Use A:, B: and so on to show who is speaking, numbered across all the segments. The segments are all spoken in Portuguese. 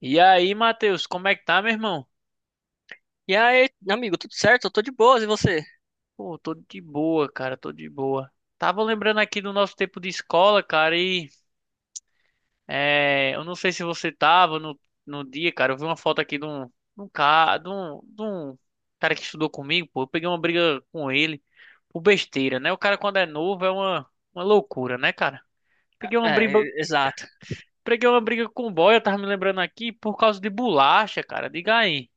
A: E aí, Matheus, como é que tá, meu irmão?
B: E aí, amigo, tudo certo? Eu tô de boas, e você?
A: Pô, tô de boa, cara, tô de boa. Tava lembrando aqui do nosso tempo de escola, cara, e eu não sei se você tava no dia, cara. Eu vi uma foto aqui de um cara, de um cara que estudou comigo, pô. Eu peguei uma briga com ele por besteira, né? O cara, quando é novo, é uma loucura, né, cara? Peguei uma
B: É,
A: briga,
B: exato.
A: peguei uma briga com o boy, eu tava me lembrando aqui, por causa de bolacha, cara. Diga aí.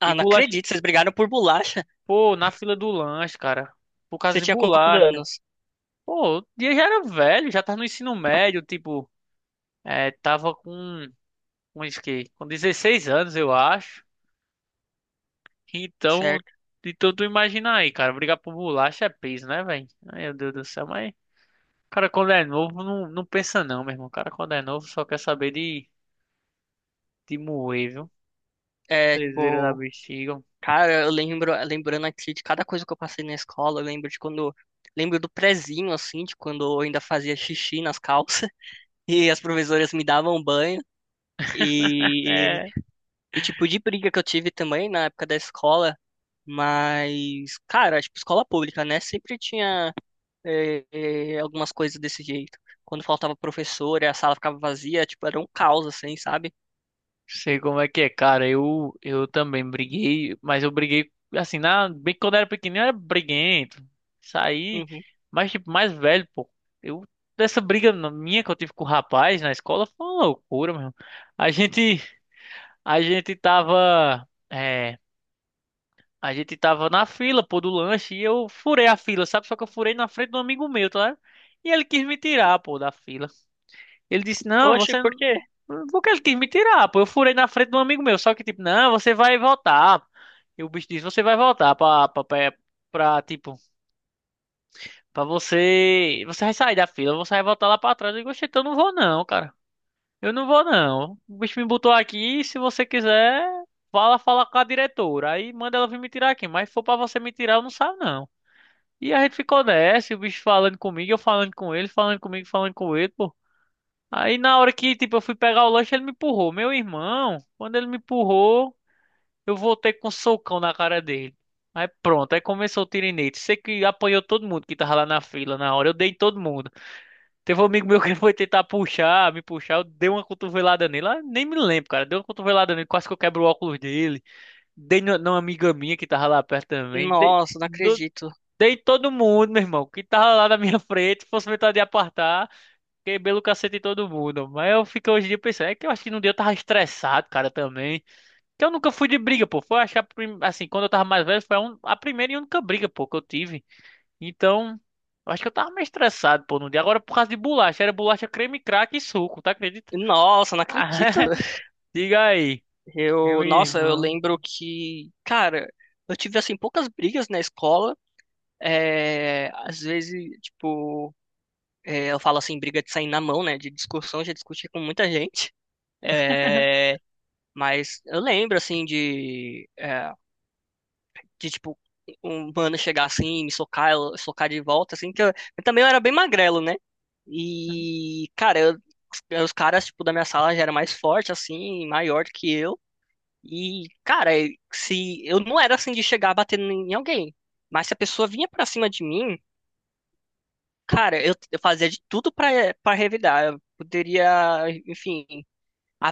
B: Ah,
A: E
B: não
A: bolacha,
B: acredito, vocês brigaram por bolacha.
A: pô, na fila do lanche, cara. Por causa
B: Você
A: de
B: tinha quantos
A: bolacha.
B: anos?
A: Pô, o dia já era velho, já tava no ensino médio, tipo, tava com isso que, com 16 anos, eu acho. Então,
B: Certo.
A: de tudo imaginar aí, cara, brigar por bolacha é peso, né, velho? Ai, Meu Deus do céu, mas o cara quando é novo não pensa não, meu irmão. O cara quando é novo só quer saber de moer, viu?
B: É,
A: Trezeira da
B: tipo,
A: bexiga.
B: cara, lembrando aqui de cada coisa que eu passei na escola, eu lembro de quando, lembro do prezinho, assim, de quando eu ainda fazia xixi nas calças, e as professoras me davam banho, e,
A: É,
B: e tipo, de briga que eu tive também na época da escola, mas, cara, tipo, escola pública, né, sempre tinha é, algumas coisas desse jeito. Quando faltava professor e a sala ficava vazia, tipo, era um caos, assim, sabe?
A: sei como é que é, cara. Eu também briguei, mas eu briguei assim, na, bem quando eu era pequenininho, eu era briguento. Saí,
B: Uhum.
A: mas tipo, mais velho, pô. Eu, dessa briga na- minha que eu tive com o rapaz na escola foi uma loucura, meu. A gente, a gente tava, a gente tava na fila, pô, do lanche e eu furei a fila, sabe? Só que eu furei na frente do amigo meu, tá? Ligado? E ele quis me tirar, pô, da fila. Ele disse, não,
B: Oxe,
A: você...
B: por quê?
A: Porque ele quis me tirar, pô. Eu furei na frente de um amigo meu. Só que, tipo, não, você vai voltar. E o bicho disse, você vai voltar tipo, pra você... Você vai sair da fila, você vai voltar lá pra trás. Eu digo, "Oxe, então eu não vou não, cara. Eu não vou não. O bicho me botou aqui, se você quiser, fala com a diretora. Aí manda ela vir me tirar aqui. Mas se for pra você me tirar, eu não saio não. E a gente ficou nessa, e o bicho falando comigo, eu falando com ele, falando comigo, falando com ele, pô. Aí na hora que, tipo, eu fui pegar o lanche, ele me empurrou. Meu irmão, quando ele me empurrou, eu voltei com um socão na cara dele. Aí pronto, aí começou o tirinete. Sei que apanhou todo mundo que tava lá na fila na hora. Eu dei em todo mundo. Teve um amigo meu que foi tentar me puxar. Eu dei uma cotovelada nele. Ah, nem me lembro, cara. Dei uma cotovelada nele, quase que eu quebro o óculos dele. Dei numa amiga minha que tava lá perto também.
B: Nossa, não
A: Do-
B: acredito.
A: dei em todo mundo, meu irmão, que tava lá na minha frente. Se fosse vontade de apartar. Quebrei o cacete em todo mundo. Mas eu fico hoje em dia pensando, é que eu acho que no dia eu tava estressado, cara, também. Que eu nunca fui de briga, pô. Foi acho que a assim, quando eu tava mais velho, foi a primeira e única briga, pô, que eu tive. Então, eu acho que eu tava meio estressado, pô, no dia. Agora por causa de bolacha, era bolacha creme, craque e suco, tá, acredita?
B: Nossa, não acredito.
A: Ah, diga aí. Meu
B: Nossa, eu
A: irmão.
B: lembro que, cara, eu tive, assim, poucas brigas na escola. É, às vezes, tipo, eu falo assim, briga de sair na mão, né? De discussão, já discuti com muita gente. É, mas eu lembro, assim, de tipo, um mano chegar assim, me socar, eu socar de volta, assim, que eu também era bem magrelo, né? E, cara, os caras, tipo, da minha sala já era mais forte, assim, maior do que eu. E, cara, e se eu não era assim de chegar batendo em alguém, mas se a pessoa vinha pra cima de mim, cara, eu fazia de tudo pra para revidar. Eu poderia, enfim,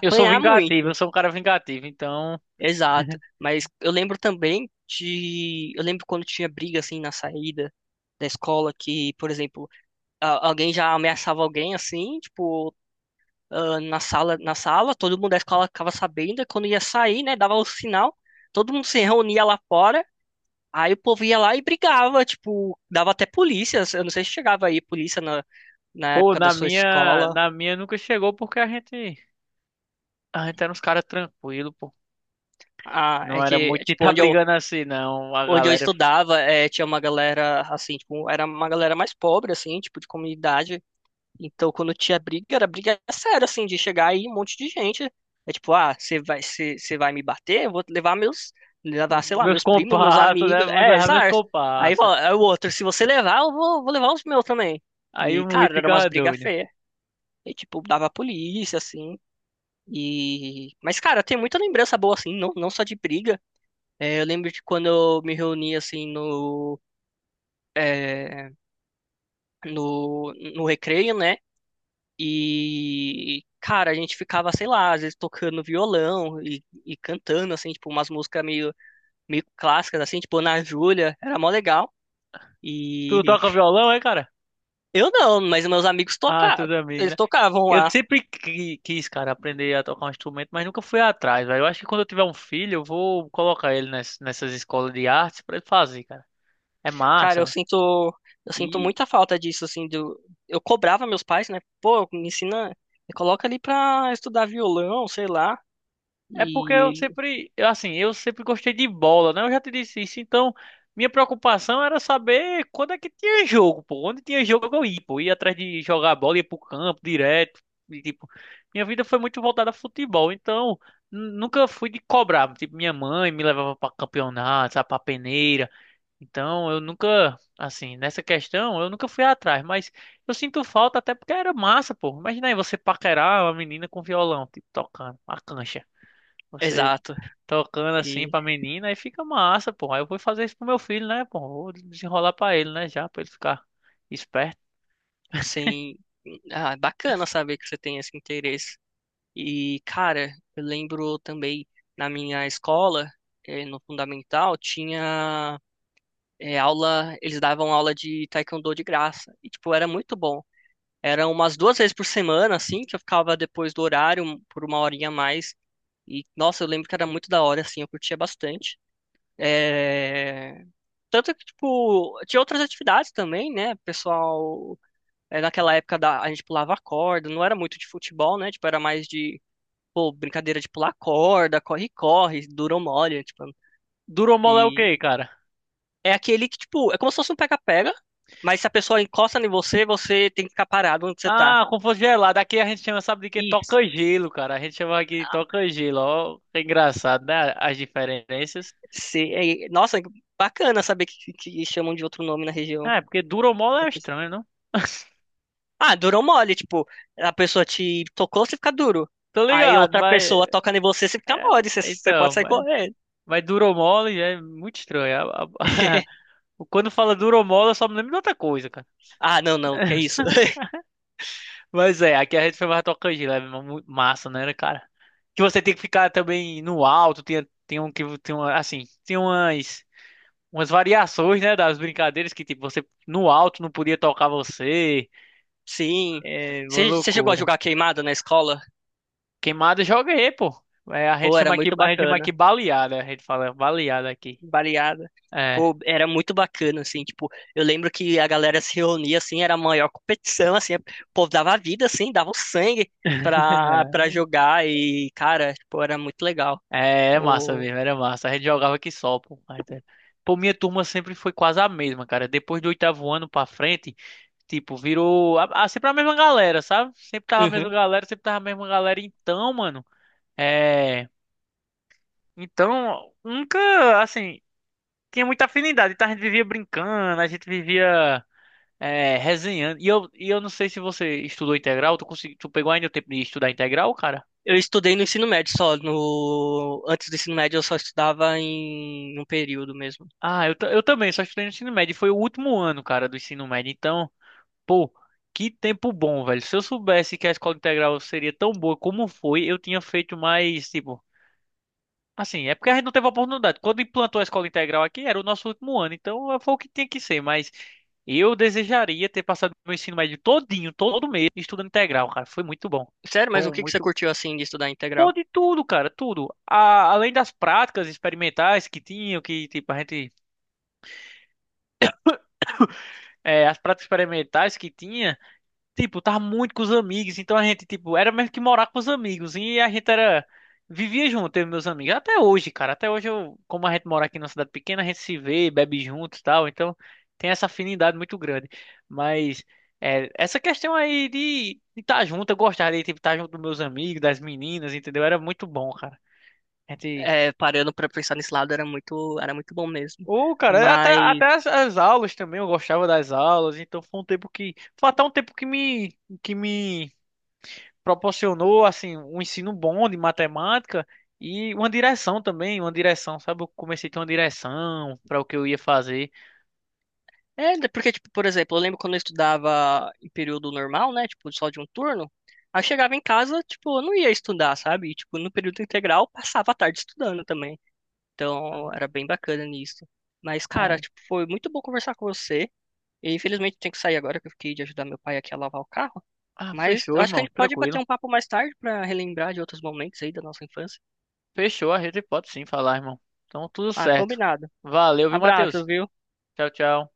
A: Eu sou vingativo, eu
B: muito.
A: sou um cara vingativo, então.
B: Exato. Mas eu lembro também de. Eu lembro quando tinha briga assim na saída da escola que, por exemplo, alguém já ameaçava alguém assim, tipo, ah, na sala, todo mundo da escola ficava sabendo, e quando ia sair, né, dava o sinal, todo mundo se reunia lá fora, aí o povo ia lá e brigava, tipo, dava até polícia. Eu não sei se chegava aí polícia na
A: Pô,
B: época da sua escola.
A: na minha nunca chegou porque a gente era uns caras tranquilos.
B: Ah,
A: Não
B: é
A: era
B: que, é,
A: muito de
B: tipo,
A: tá
B: onde eu
A: brigando assim, não. A
B: onde eu
A: galera
B: estudava, tinha uma galera, assim, tipo, era uma galera mais pobre, assim, tipo, de comunidade. Então, quando tinha briga, era briga séria, assim, de chegar aí um monte de gente. É tipo, ah, você vai me bater? Eu vou levar,
A: ficou,
B: sei lá,
A: meus
B: meus primos, meus
A: compassos, né?
B: amigos.
A: Vou
B: É,
A: levar meus
B: exato. Aí
A: compassos.
B: fala, é o outro, se você levar, eu vou levar os meus também.
A: Aí
B: E,
A: muito
B: cara, eram umas
A: ficava
B: brigas
A: doido.
B: feias. E, tipo, dava a polícia, assim. Mas, cara, tem muita lembrança boa, assim, não, não só de briga. É, eu lembro de quando eu me reuni, assim, é, no recreio, né? E, cara, a gente ficava, sei lá, às vezes tocando violão e cantando, assim, tipo, umas músicas meio clássicas, assim, tipo, Ana Júlia, era mó legal.
A: Tu
B: E
A: toca violão, é, cara?
B: eu não, mas meus amigos
A: Ah,
B: tocavam,
A: seus amigos,
B: eles
A: né?
B: tocavam
A: Eu
B: lá.
A: sempre quis, cara, aprender a tocar um instrumento, mas nunca fui atrás, velho. Eu acho que quando eu tiver um filho, eu vou colocar ele nessas escolas de artes pra ele fazer, cara. É
B: Cara, eu
A: massa.
B: sinto, eu sinto muita falta disso, assim, do, eu cobrava meus pais, né? Pô, me ensina, me coloca ali pra estudar violão, sei lá.
A: É porque
B: E
A: eu
B: ele,
A: sempre, eu, assim, eu sempre gostei de bola, né? Eu já te disse isso. Então, minha preocupação era saber quando é que tinha jogo, pô. Onde tinha jogo eu ia, pô. Ia atrás de jogar a bola, ia pro campo direto. E, tipo, minha vida foi muito voltada a futebol. Então, nunca fui de cobrar. Tipo, minha mãe me levava pra campeonato, sabe, pra peneira. Então, eu nunca, assim, nessa questão, eu nunca fui atrás. Mas eu sinto falta até porque era massa, pô. Imagina aí você paquerar uma menina com violão, tipo, tocando a cancha. Você
B: Exato.
A: tocando assim
B: E
A: pra menina, aí fica massa, pô. Aí eu vou fazer isso pro meu filho, né, pô? Vou desenrolar pra ele, né, já, pra ele ficar esperto.
B: Sim. Ah, é bacana saber que você tem esse interesse. E, cara, eu lembro também na minha escola, no fundamental, tinha aula, eles davam aula de taekwondo de graça. E, tipo, era muito bom. Eram umas duas vezes por semana, assim, que eu ficava depois do horário por uma horinha a mais. E, nossa, eu lembro que era muito da hora, assim, eu curtia bastante. Eh, Tanto que, tipo, tinha outras atividades também, né? O pessoal naquela época a gente pulava corda, não era muito de futebol, né? Tipo, era mais de, pô, brincadeira de pular corda, corre-corre, dura ou molha, tipo.
A: Duromol é o
B: E
A: quê, cara?
B: é aquele que, tipo, é como se fosse um pega-pega, mas se a pessoa encosta em você, você tem que ficar parado onde você tá.
A: Ah, como fosse gelado. Aqui a gente chama, sabe de quê?
B: Isso.
A: Toca gelo, cara. A gente chama aqui de toca gelo. Ó, é engraçado, né? As diferenças.
B: Nossa, bacana saber que, chamam de outro nome na região.
A: Ah, é porque duromol é estranho, não?
B: Ah, dura ou mole, tipo, a pessoa te tocou, você fica duro.
A: Tô
B: Aí
A: ligado,
B: outra
A: mas.
B: pessoa toca em você, você fica
A: É,
B: mole, você pode
A: então,
B: sair
A: mas,
B: correndo.
A: mas duromol é muito estranho. Quando fala duromol, eu só me lembro de outra coisa, cara.
B: Ah, não, não, que isso.
A: Mas é, aqui a gente foi mais tocante, né? Massa, né, cara? Que você tem que ficar também no alto, tem um que tem uma, assim, tem umas variações, né, das brincadeiras que tipo você no alto não podia tocar você.
B: Sim.
A: É uma
B: Você chegou a
A: loucura.
B: jogar queimada na escola?
A: Queimada eu joguei, pô. É,
B: Pô, era muito
A: a gente chama
B: bacana.
A: aqui baleada, a gente fala baleada aqui.
B: Baleada.
A: É.
B: Pô, era muito bacana, assim, tipo, eu lembro que a galera se reunia, assim, era a maior competição, assim, o povo dava a vida, assim, dava o sangue pra jogar e, cara, tipo, era muito legal.
A: É, é massa
B: Eu,
A: mesmo, era massa. A gente jogava aqui só, pô. Mas, é. Pô, minha turma sempre foi quase a mesma, cara. Depois do oitavo ano pra frente, tipo, virou sempre a mesma galera, sabe?
B: Uhum.
A: Sempre tava a mesma galera. Então, mano, é. Então, nunca, assim, tinha muita afinidade. Então a gente vivia brincando, a gente vivia resenhando. E eu não sei se você estudou integral, tu, consegui, tu pegou ainda o tempo de estudar integral, cara?
B: Eu estudei no ensino médio só, no... Antes do ensino médio eu só estudava em um período mesmo.
A: Ah, eu, eu também, só estudei no ensino médio. Foi o último ano, cara, do ensino médio. Então, pô, que tempo bom, velho. Se eu soubesse que a escola integral seria tão boa como foi, eu tinha feito mais, tipo. Assim, é porque a gente não teve oportunidade. Quando implantou a escola integral aqui, era o nosso último ano, então foi o que tinha que ser. Mas eu desejaria ter passado meu ensino médio todinho, todo mês, estudando integral, cara. Foi muito bom.
B: Sério,
A: Foi
B: mas o
A: um
B: que que você
A: muito.
B: curtiu, assim, de estudar integral?
A: Pô, de tudo, cara, tudo. Além das práticas experimentais que tinham, que, tipo, a gente. As práticas experimentais que tinha. Tipo, tava muito com os amigos, então a gente, tipo, era mesmo que morar com os amigos, e a gente era, vivia junto, eu e meus amigos, até hoje, cara, até hoje, eu, como a gente mora aqui numa cidade pequena, a gente se vê, bebe junto e tal, então tem essa afinidade muito grande, mas essa questão aí de estar junto, eu gostava de, tipo, estar junto dos meus amigos, das meninas, entendeu? Era muito bom, cara, a gente...
B: É, parando pra pensar nesse lado era muito bom mesmo.
A: Ô, cara,
B: Mas
A: até as aulas também, eu gostava das aulas, então foi um tempo foi até um tempo que me proporcionou assim um ensino bom de matemática e uma direção também, uma direção, sabe? Eu comecei a ter uma direção para o que eu ia fazer.
B: é né, porque tipo, por exemplo, eu lembro quando eu estudava em período normal, né, tipo só de um turno, aí eu chegava em casa, tipo, eu não ia estudar, sabe? E, tipo, no período integral passava a tarde estudando também. Então, era bem bacana nisso. Mas cara,
A: É.
B: tipo, foi muito bom conversar com você. E infelizmente tenho que sair agora que eu fiquei de ajudar meu pai aqui a lavar o carro,
A: Ah,
B: mas eu
A: fechou,
B: acho que a
A: irmão,
B: gente pode bater
A: tranquilo.
B: um papo mais tarde pra relembrar de outros momentos aí da nossa infância.
A: Fechou, a gente pode sim falar, irmão. Então, tudo
B: Ah,
A: certo.
B: combinado.
A: Valeu, viu,
B: Abraço,
A: Matheus?
B: viu?
A: Tchau, tchau.